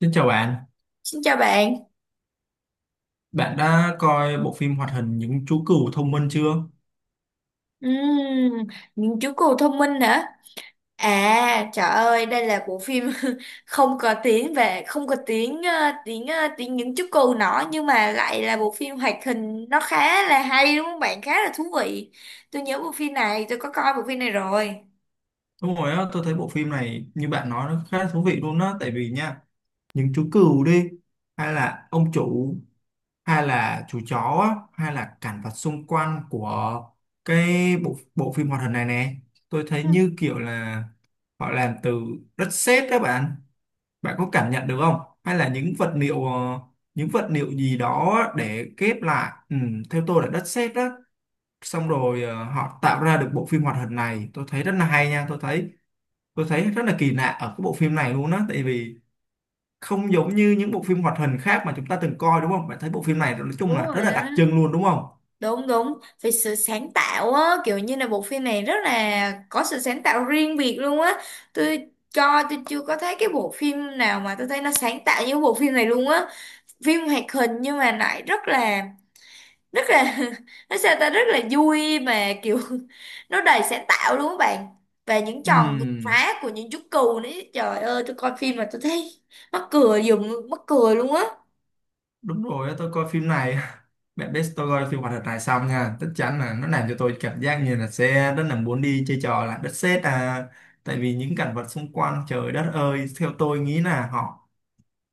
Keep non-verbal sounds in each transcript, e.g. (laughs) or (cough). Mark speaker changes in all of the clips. Speaker 1: Xin chào bạn,
Speaker 2: Xin chào bạn.
Speaker 1: bạn đã coi bộ phim hoạt hình Những chú cừu thông minh chưa?
Speaker 2: Ừm, những chú cừu thông minh hả? À, trời ơi, đây là bộ phim (laughs) không có tiếng về không có tiếng tiếng tiếng những chú cừu nọ nhưng mà lại là bộ phim hoạt hình nó khá là hay đúng không bạn? Khá là thú vị. Tôi nhớ bộ phim này, tôi có coi bộ phim này rồi.
Speaker 1: Đúng rồi á, tôi thấy bộ phim này như bạn nói nó khá thú vị luôn á, tại vì nha, những chú cừu đi, hay là ông chủ, hay là chú chó, á, hay là cảnh vật xung quanh của cái bộ bộ phim hoạt hình này nè, tôi thấy như kiểu là họ làm từ đất sét đó bạn, bạn có cảm nhận được không? Hay là những vật liệu những vật liệu gì đó để ghép lại, ừ, theo tôi là đất sét đó xong rồi họ tạo ra được bộ phim hoạt hình này tôi thấy rất là hay nha tôi thấy rất là kỳ lạ ở cái bộ phim này luôn á, tại vì không giống như những bộ phim hoạt hình khác mà chúng ta từng coi, đúng không? Bạn thấy bộ phim này nói chung
Speaker 2: Đúng
Speaker 1: là
Speaker 2: rồi
Speaker 1: rất là đặc
Speaker 2: á.
Speaker 1: trưng luôn, đúng không?
Speaker 2: Đúng đúng, về sự sáng tạo á, kiểu như là bộ phim này rất là có sự sáng tạo riêng biệt luôn á. Tôi chưa có thấy cái bộ phim nào mà tôi thấy nó sáng tạo như bộ phim này luôn á, phim hoạt hình nhưng mà lại rất là (laughs) nó sao ta rất là vui mà kiểu (laughs) nó đầy sáng tạo luôn các bạn. Và những tròn vượt
Speaker 1: Ừm,
Speaker 2: phá của những chú cừu đấy, trời ơi, tôi coi phim mà tôi thấy mắc cười dùm mắc cười luôn á.
Speaker 1: đúng rồi á, tôi coi phim này. (laughs) Bạn biết tôi coi phim hoạt hình này xong nha, chắc chắn là nó làm cho tôi cảm giác như là sẽ rất là muốn đi chơi trò là đất sét à, tại vì những cảnh vật xung quanh trời đất ơi theo tôi nghĩ là họ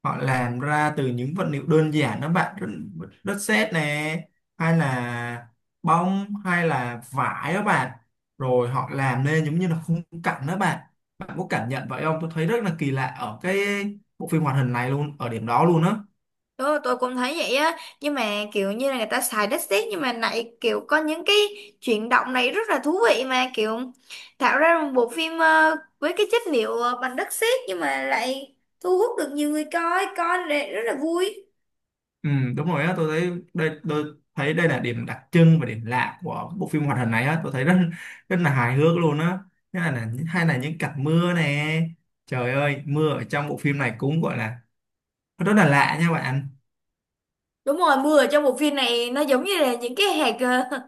Speaker 1: họ làm ra từ những vật liệu đơn giản đó bạn, đất, đất sét nè, hay là bông hay là vải đó bạn, rồi họ làm nên giống như là khung cảnh đó bạn. Bạn có cảm nhận vậy không? Tôi thấy rất là kỳ lạ ở cái bộ phim hoạt hình này luôn, ở điểm đó luôn á.
Speaker 2: Tôi cũng thấy vậy á, nhưng mà kiểu như là người ta xài đất sét nhưng mà lại kiểu có những cái chuyển động này rất là thú vị, mà kiểu tạo ra một bộ phim với cái chất liệu bằng đất sét nhưng mà lại thu hút được nhiều người coi, coi lại rất là vui.
Speaker 1: Ừ, đúng rồi á, tôi thấy đây là điểm đặc trưng và điểm lạ của bộ phim hoạt hình này á, tôi thấy rất rất là hài hước luôn á. Thế hay là những cảnh mưa nè, trời ơi mưa ở trong bộ phim này cũng gọi là rất là lạ nha bạn.
Speaker 2: Đúng rồi, mưa ở trong bộ phim này nó giống như là những cái hạt ờ, (laughs)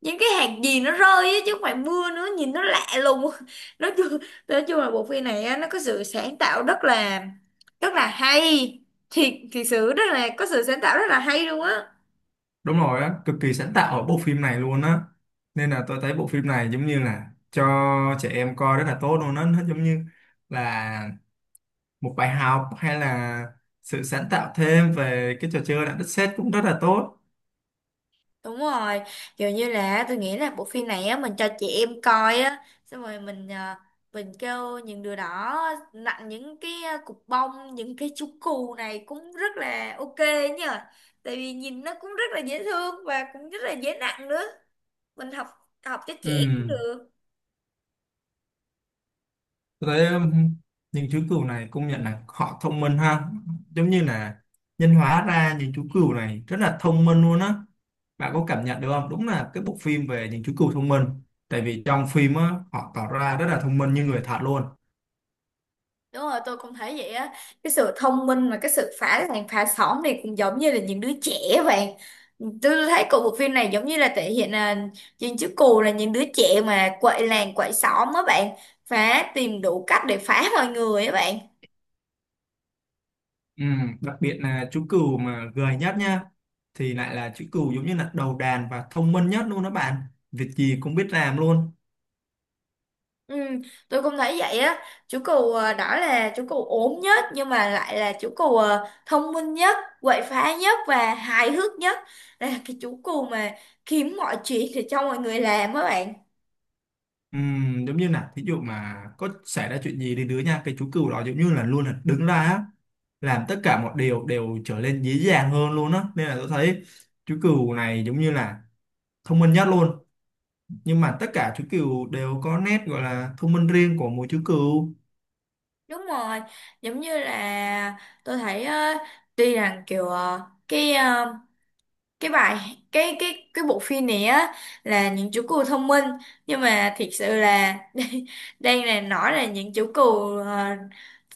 Speaker 2: những cái hạt gì nó rơi á chứ không phải mưa nữa, nhìn nó lạ lùng. (laughs) Nói chung nói chung là bộ phim này á, nó có sự sáng tạo rất là hay. Thiệt thiệt sự rất là có sự sáng tạo rất là hay luôn á.
Speaker 1: Đúng rồi á, cực kỳ sáng tạo ở bộ phim này luôn á, nên là tôi thấy bộ phim này giống như là cho trẻ em coi rất là tốt luôn á, nó giống như là một bài học hay là sự sáng tạo thêm về cái trò chơi đạo đất sét cũng rất là tốt.
Speaker 2: Đúng rồi, kiểu như là tôi nghĩ là bộ phim này á mình cho chị em coi á, xong rồi mình mình kêu những đứa đó nặn những cái cục bông, những cái chú cù này cũng rất là ok nhờ. Tại vì nhìn nó cũng rất là dễ thương và cũng rất là dễ nặng nữa. Mình học học cho trẻ cũng
Speaker 1: Ừ,
Speaker 2: được.
Speaker 1: tôi thấy những chú cừu này công nhận là họ thông minh ha, giống như là nhân hóa ra những chú cừu này rất là thông minh luôn á. Bạn có cảm nhận được không? Đúng là cái bộ phim về những chú cừu thông minh, tại vì trong phim á họ tỏ ra rất là thông minh như người thật luôn.
Speaker 2: Đúng rồi, tôi cũng thấy vậy á. Cái sự thông minh và cái sự phá làng phá xóm này cũng giống như là những đứa trẻ vậy. Tôi thấy của bộ phim này giống như là thể hiện là những chữ cù là những đứa trẻ mà quậy làng quậy xóm á bạn. Phá tìm đủ cách để phá mọi người á bạn.
Speaker 1: Ừ, đặc biệt là chú cừu mà gầy nhất nha, thì lại là chú cừu giống như là đầu đàn và thông minh nhất luôn đó bạn, việc gì cũng biết làm luôn.
Speaker 2: Ừ, tôi cũng thấy vậy á. Chú cù à, đó là chú cù ốm nhất nhưng mà lại là chú cù à, thông minh nhất, quậy phá nhất và hài hước nhất. Đây là cái chú cù mà kiếm mọi chuyện để cho mọi người làm á bạn.
Speaker 1: Ừ, giống như là thí dụ mà có xảy ra chuyện gì đến đứa nha, cái chú cừu đó giống như là luôn là đứng ra á, làm tất cả mọi điều đều trở nên dễ dàng hơn luôn á, nên là tôi thấy chú cừu này giống như là thông minh nhất luôn, nhưng mà tất cả chú cừu đều có nét gọi là thông minh riêng của mỗi chú cừu.
Speaker 2: Đúng rồi, giống như là tôi thấy tuy rằng kiểu cái ờ, cái bài cái bộ phim này á là những chú cừu thông minh, nhưng mà thiệt sự là (laughs) đây, đây là nói là những chú cừu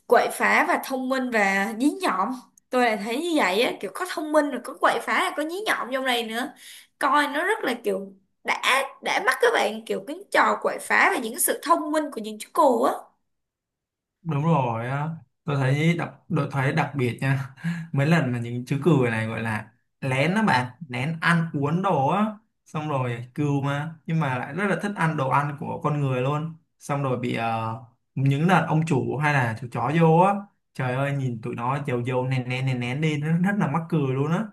Speaker 2: quậy phá và thông minh và dí nhọn. Tôi là thấy như vậy á, kiểu có thông minh rồi có quậy phá rồi có dí nhọn trong này nữa. Coi nó rất là kiểu đã mắt các bạn, kiểu cái trò quậy phá và những sự thông minh của những chú cừu á.
Speaker 1: Đúng rồi á, tôi thấy đặc biệt nha, (laughs) mấy lần mà những chú cừu này gọi là lén đó bạn, lén ăn uống đồ á, xong rồi cừu mà nhưng mà lại rất là thích ăn đồ ăn của con người luôn, xong rồi bị những lần ông chủ hay là chú chó vô á, trời ơi nhìn tụi nó dầu dầu nén nén nén nén đi nó rất là mắc cười luôn á.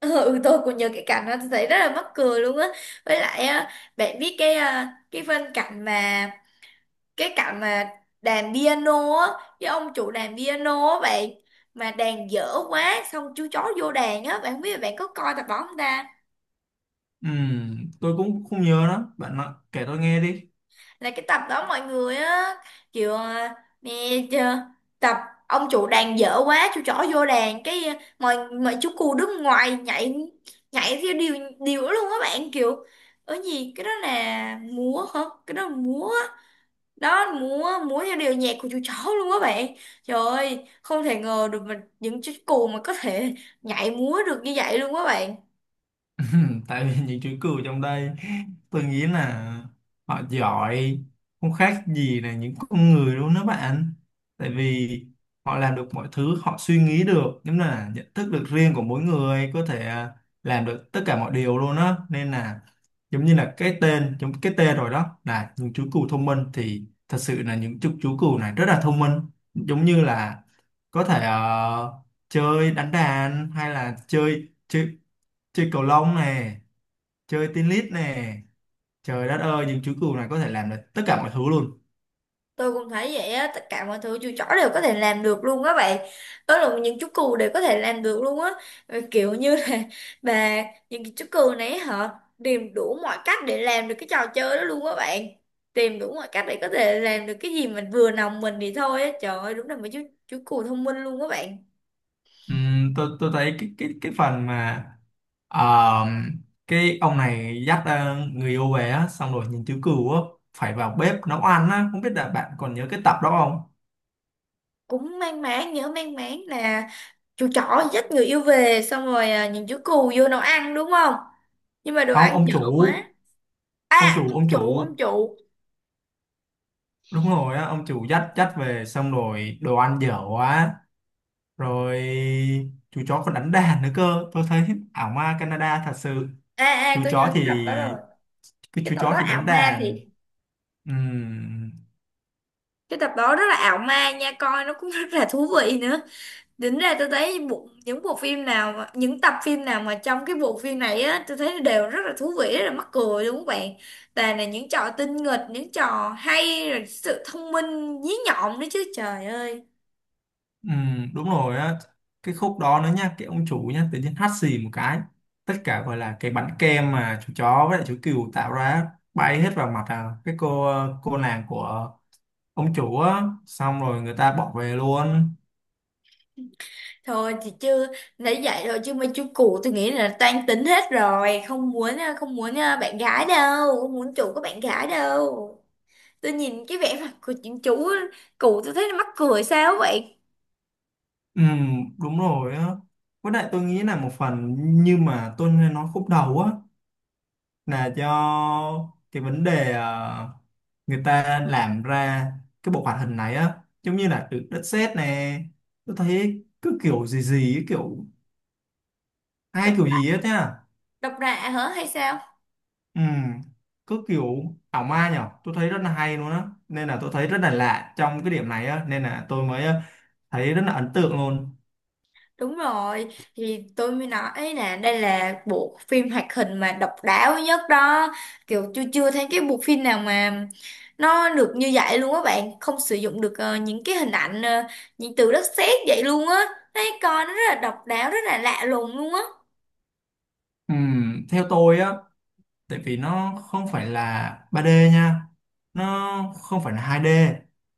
Speaker 2: Ờ, Ừ, tôi cũng nhớ cái cảnh đó, tôi thấy rất là mắc cười luôn á. Với lại á, bạn biết cái à, cái phân cảnh mà cái cảnh mà đàn piano á, cái ông chủ đàn piano á bạn, mà đàn dở quá xong chú chó vô đàn á bạn, không biết là bạn có coi tập đó không ta?
Speaker 1: Tôi cũng không nhớ đó bạn, nói, kể tôi nghe đi.
Speaker 2: Là cái tập đó mọi người á kiểu à, mẹ chưa tập ông chủ đàn dở quá chú chó vô đàn cái à, mọi mọi chú cù đứng ngoài nhảy, nhảy theo điều điều luôn á bạn, kiểu ở gì cái đó là múa hả, cái đó là múa đó, múa múa theo điệu nhạc của chú chó luôn á bạn. Trời ơi, không thể ngờ được mà những chú cù mà có thể nhảy múa được như vậy luôn á bạn.
Speaker 1: (laughs) Tại vì những chú cừu trong đây tôi nghĩ là họ giỏi không khác gì là những con người luôn đó bạn, tại vì họ làm được mọi thứ, họ suy nghĩ được giống như là nhận thức được riêng của mỗi người, có thể à, làm được tất cả mọi điều luôn á, nên là giống như là cái tên, giống cái tên rồi đó là những chú cừu thông minh, thì thật sự là những chú cừu này rất là thông minh, giống như là có thể chơi đánh đàn hay là chơi chơi chơi cầu lông nè, chơi tennis nè, trời đất ơi những chú cừu này có thể làm được tất cả mọi thứ luôn.
Speaker 2: Tôi cũng thấy vậy á, tất cả mọi thứ chú chó đều có thể làm được luôn á bạn. Đó là những chú cừu đều có thể làm được luôn á. Ờ, kiểu như là (laughs) bà những cái chú cừu này họ tìm đủ mọi cách để làm được cái trò chơi đó luôn á bạn. Tìm đủ mọi cách để có thể làm được cái gì mình vừa lòng mình thì thôi á. Trời ơi, đúng là mấy chú cừu thông minh luôn á bạn.
Speaker 1: Tôi thấy cái phần mà ờ, cái ông này dắt người yêu về á, xong rồi những chú cừu á phải vào bếp nấu ăn á, không biết là bạn còn nhớ cái tập đó không?
Speaker 2: Cũng mang máng nhớ mang máng là chú chó dắt người yêu về xong rồi à, những chú cừu vô nấu ăn đúng không? Nhưng mà đồ
Speaker 1: Không,
Speaker 2: ăn
Speaker 1: ông
Speaker 2: dở
Speaker 1: chủ.
Speaker 2: quá.
Speaker 1: ông
Speaker 2: À,
Speaker 1: chủ ông chủ
Speaker 2: ông chủ.
Speaker 1: Đúng rồi á, ông chủ dắt dắt về xong rồi đồ ăn dở quá, rồi chú chó còn đánh đàn nữa cơ, tôi thấy ảo ma Canada thật sự.
Speaker 2: Ê ê
Speaker 1: Chú
Speaker 2: tôi nhớ
Speaker 1: chó thì,
Speaker 2: cái tập đó rồi,
Speaker 1: cái
Speaker 2: cái
Speaker 1: chú
Speaker 2: tập
Speaker 1: chó
Speaker 2: đó
Speaker 1: thì
Speaker 2: ảo
Speaker 1: đánh
Speaker 2: ma thì
Speaker 1: đàn. Ừm,
Speaker 2: cái tập đó rất là ảo ma nha, coi nó cũng (laughs) rất là thú vị nữa. Tính ra tôi thấy những bộ phim nào mà, những tập phim nào mà trong cái bộ phim này á, tôi thấy đều rất là thú vị rất là mắc cười đúng không bạn? Toàn là những trò tinh nghịch những trò hay rồi sự thông minh dí nhọn nữa chứ, trời ơi.
Speaker 1: đúng rồi á, cái khúc đó nữa nha, cái ông chủ nha tự nhiên hắt xì một cái, tất cả gọi là cái bánh kem mà chú chó với lại chú cừu tạo ra á, bay hết vào mặt à, cái cô nàng của ông chủ á, xong rồi người ta bỏ về luôn.
Speaker 2: Thôi thì chưa nãy dạy rồi chứ mấy chú cụ tôi nghĩ là toan tính hết rồi, không muốn à, bạn gái đâu, không muốn chủ có bạn gái đâu. Tôi nhìn cái vẻ mặt của những chú cụ tôi thấy nó mắc cười sao vậy.
Speaker 1: Đúng rồi á, với lại tôi nghĩ là một phần như mà tôi nói khúc đầu á, là do cái vấn đề người ta làm ra cái bộ hoạt hình này á giống như là từ đất sét nè, tôi thấy cứ kiểu gì gì ấy, kiểu hai
Speaker 2: độc
Speaker 1: kiểu
Speaker 2: lạ
Speaker 1: gì hết nhá.
Speaker 2: độc lạ hả hay sao?
Speaker 1: Ừ, cứ kiểu ảo ma nhở, tôi thấy rất là hay luôn á, nên là tôi thấy rất là lạ trong cái điểm này á, nên là tôi mới thấy rất là ấn tượng luôn.
Speaker 2: Đúng rồi, thì tôi mới nói là đây là bộ phim hoạt hình mà độc đáo nhất đó, kiểu chưa chưa thấy cái bộ phim nào mà nó được như vậy luôn á bạn, không sử dụng được những cái hình ảnh những từ đất sét vậy luôn á. Thấy coi nó rất là độc đáo rất là lạ lùng luôn á.
Speaker 1: Ừ, theo tôi á, tại vì nó không phải là 3D nha, nó không phải là 2D,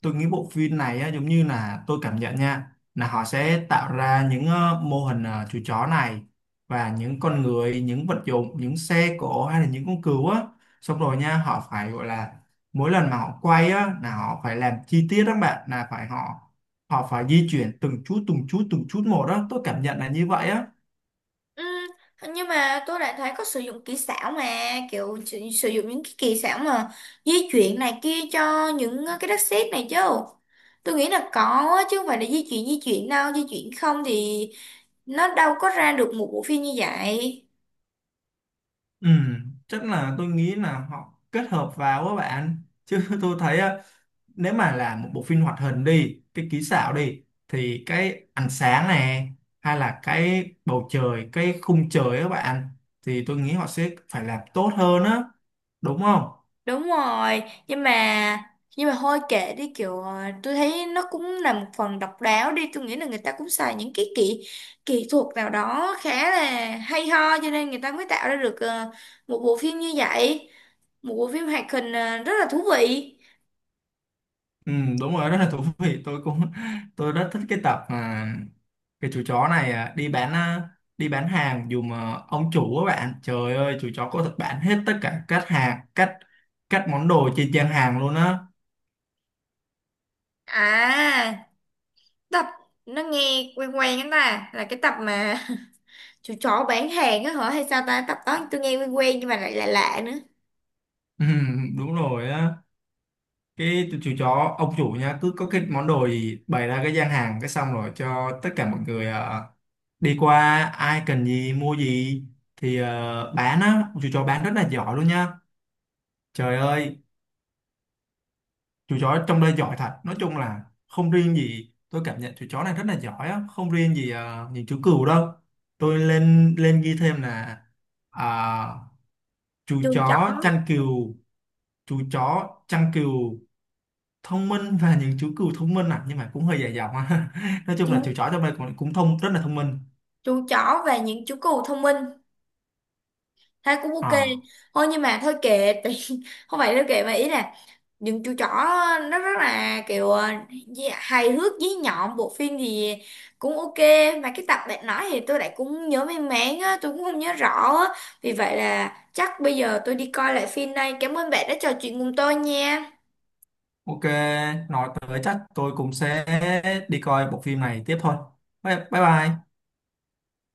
Speaker 1: tôi nghĩ bộ phim này á, giống như là tôi cảm nhận nha là họ sẽ tạo ra những mô hình, chú chó này và những con người, những vật dụng, những xe cộ hay là những con cừu á, xong rồi nha họ phải gọi là mỗi lần mà họ quay á là họ phải làm chi tiết đó các bạn, là phải họ họ phải di chuyển từng chút từng chút từng chút một đó, tôi cảm nhận là như vậy á.
Speaker 2: Ừ, nhưng mà tôi lại thấy có sử dụng kỹ xảo mà, kiểu sử dụng những cái kỹ xảo mà di chuyển này kia cho những cái đất sét này chứ, tôi nghĩ là có á, chứ không phải là di chuyển đâu, di chuyển không thì nó đâu có ra được một bộ phim như vậy.
Speaker 1: Ừ, chắc là tôi nghĩ là họ kết hợp vào các bạn, chứ (laughs) tôi thấy á, nếu mà là một bộ phim hoạt hình đi, cái kỹ xảo đi, thì cái ánh sáng này hay là cái bầu trời, cái khung trời á các bạn, thì tôi nghĩ họ sẽ phải làm tốt hơn á, đúng không?
Speaker 2: Đúng rồi, nhưng mà thôi kệ đi, kiểu tôi thấy nó cũng là một phần độc đáo đi, tôi nghĩ là người ta cũng xài những cái kỹ kỹ thuật nào đó khá là hay ho cho nên người ta mới tạo ra được một bộ phim như vậy, một bộ phim hoạt hình à, rất là thú vị.
Speaker 1: Ừ, đúng rồi, rất là thú vị, tôi cũng, tôi rất thích cái tập mà cái chú chó này à, đi bán hàng dùm à, ông chủ các bạn, trời ơi chú chó có thật bán hết tất cả các hàng, các món đồ trên trang hàng luôn á.
Speaker 2: À tập nó nghe quen quen, anh ta là cái tập mà (laughs) chú chó bán hàng á hả hay sao ta? Tập đó tôi nghe quen quen nhưng mà lại lạ lạ nữa.
Speaker 1: Ừ, đúng rồi á, cái chú chó, ông chủ nha cứ có cái món đồ gì bày ra cái gian hàng cái xong rồi cho tất cả mọi người à, đi qua ai cần gì mua gì thì à, bán á, chú chó bán rất là giỏi luôn nha, trời ơi, chú chó trong đây giỏi thật, nói chung là không riêng gì, tôi cảm nhận chú chó này rất là giỏi á, không riêng gì những chú cừu đâu. Tôi lên lên ghi thêm là à, chú
Speaker 2: chú chó
Speaker 1: chó chăn cừu, chú chó chăn cừu thông minh (laughs) và những chú cừu thông minh à, nhưng mà cũng hơi dài dòng á. (laughs) Nói chung là chú
Speaker 2: chú
Speaker 1: chó trong đây cũng rất là thông minh.
Speaker 2: chú chó và những chú cừu thông minh thấy cũng ok.
Speaker 1: À
Speaker 2: Thôi nhưng mà thôi kệ tại (laughs) không phải đâu kệ mà ý là những chú chó nó rất là kiểu hài hước dí nhọn, bộ phim thì cũng ok. Mà cái tập bạn nói thì tôi lại cũng nhớ mang máng á, tôi cũng không nhớ rõ á. Vì vậy là chắc bây giờ tôi đi coi lại phim đây, cảm ơn bạn đã trò chuyện cùng tôi nha.
Speaker 1: ok, nói tới chắc tôi cũng sẽ đi coi bộ phim này tiếp thôi. Bye bye bye.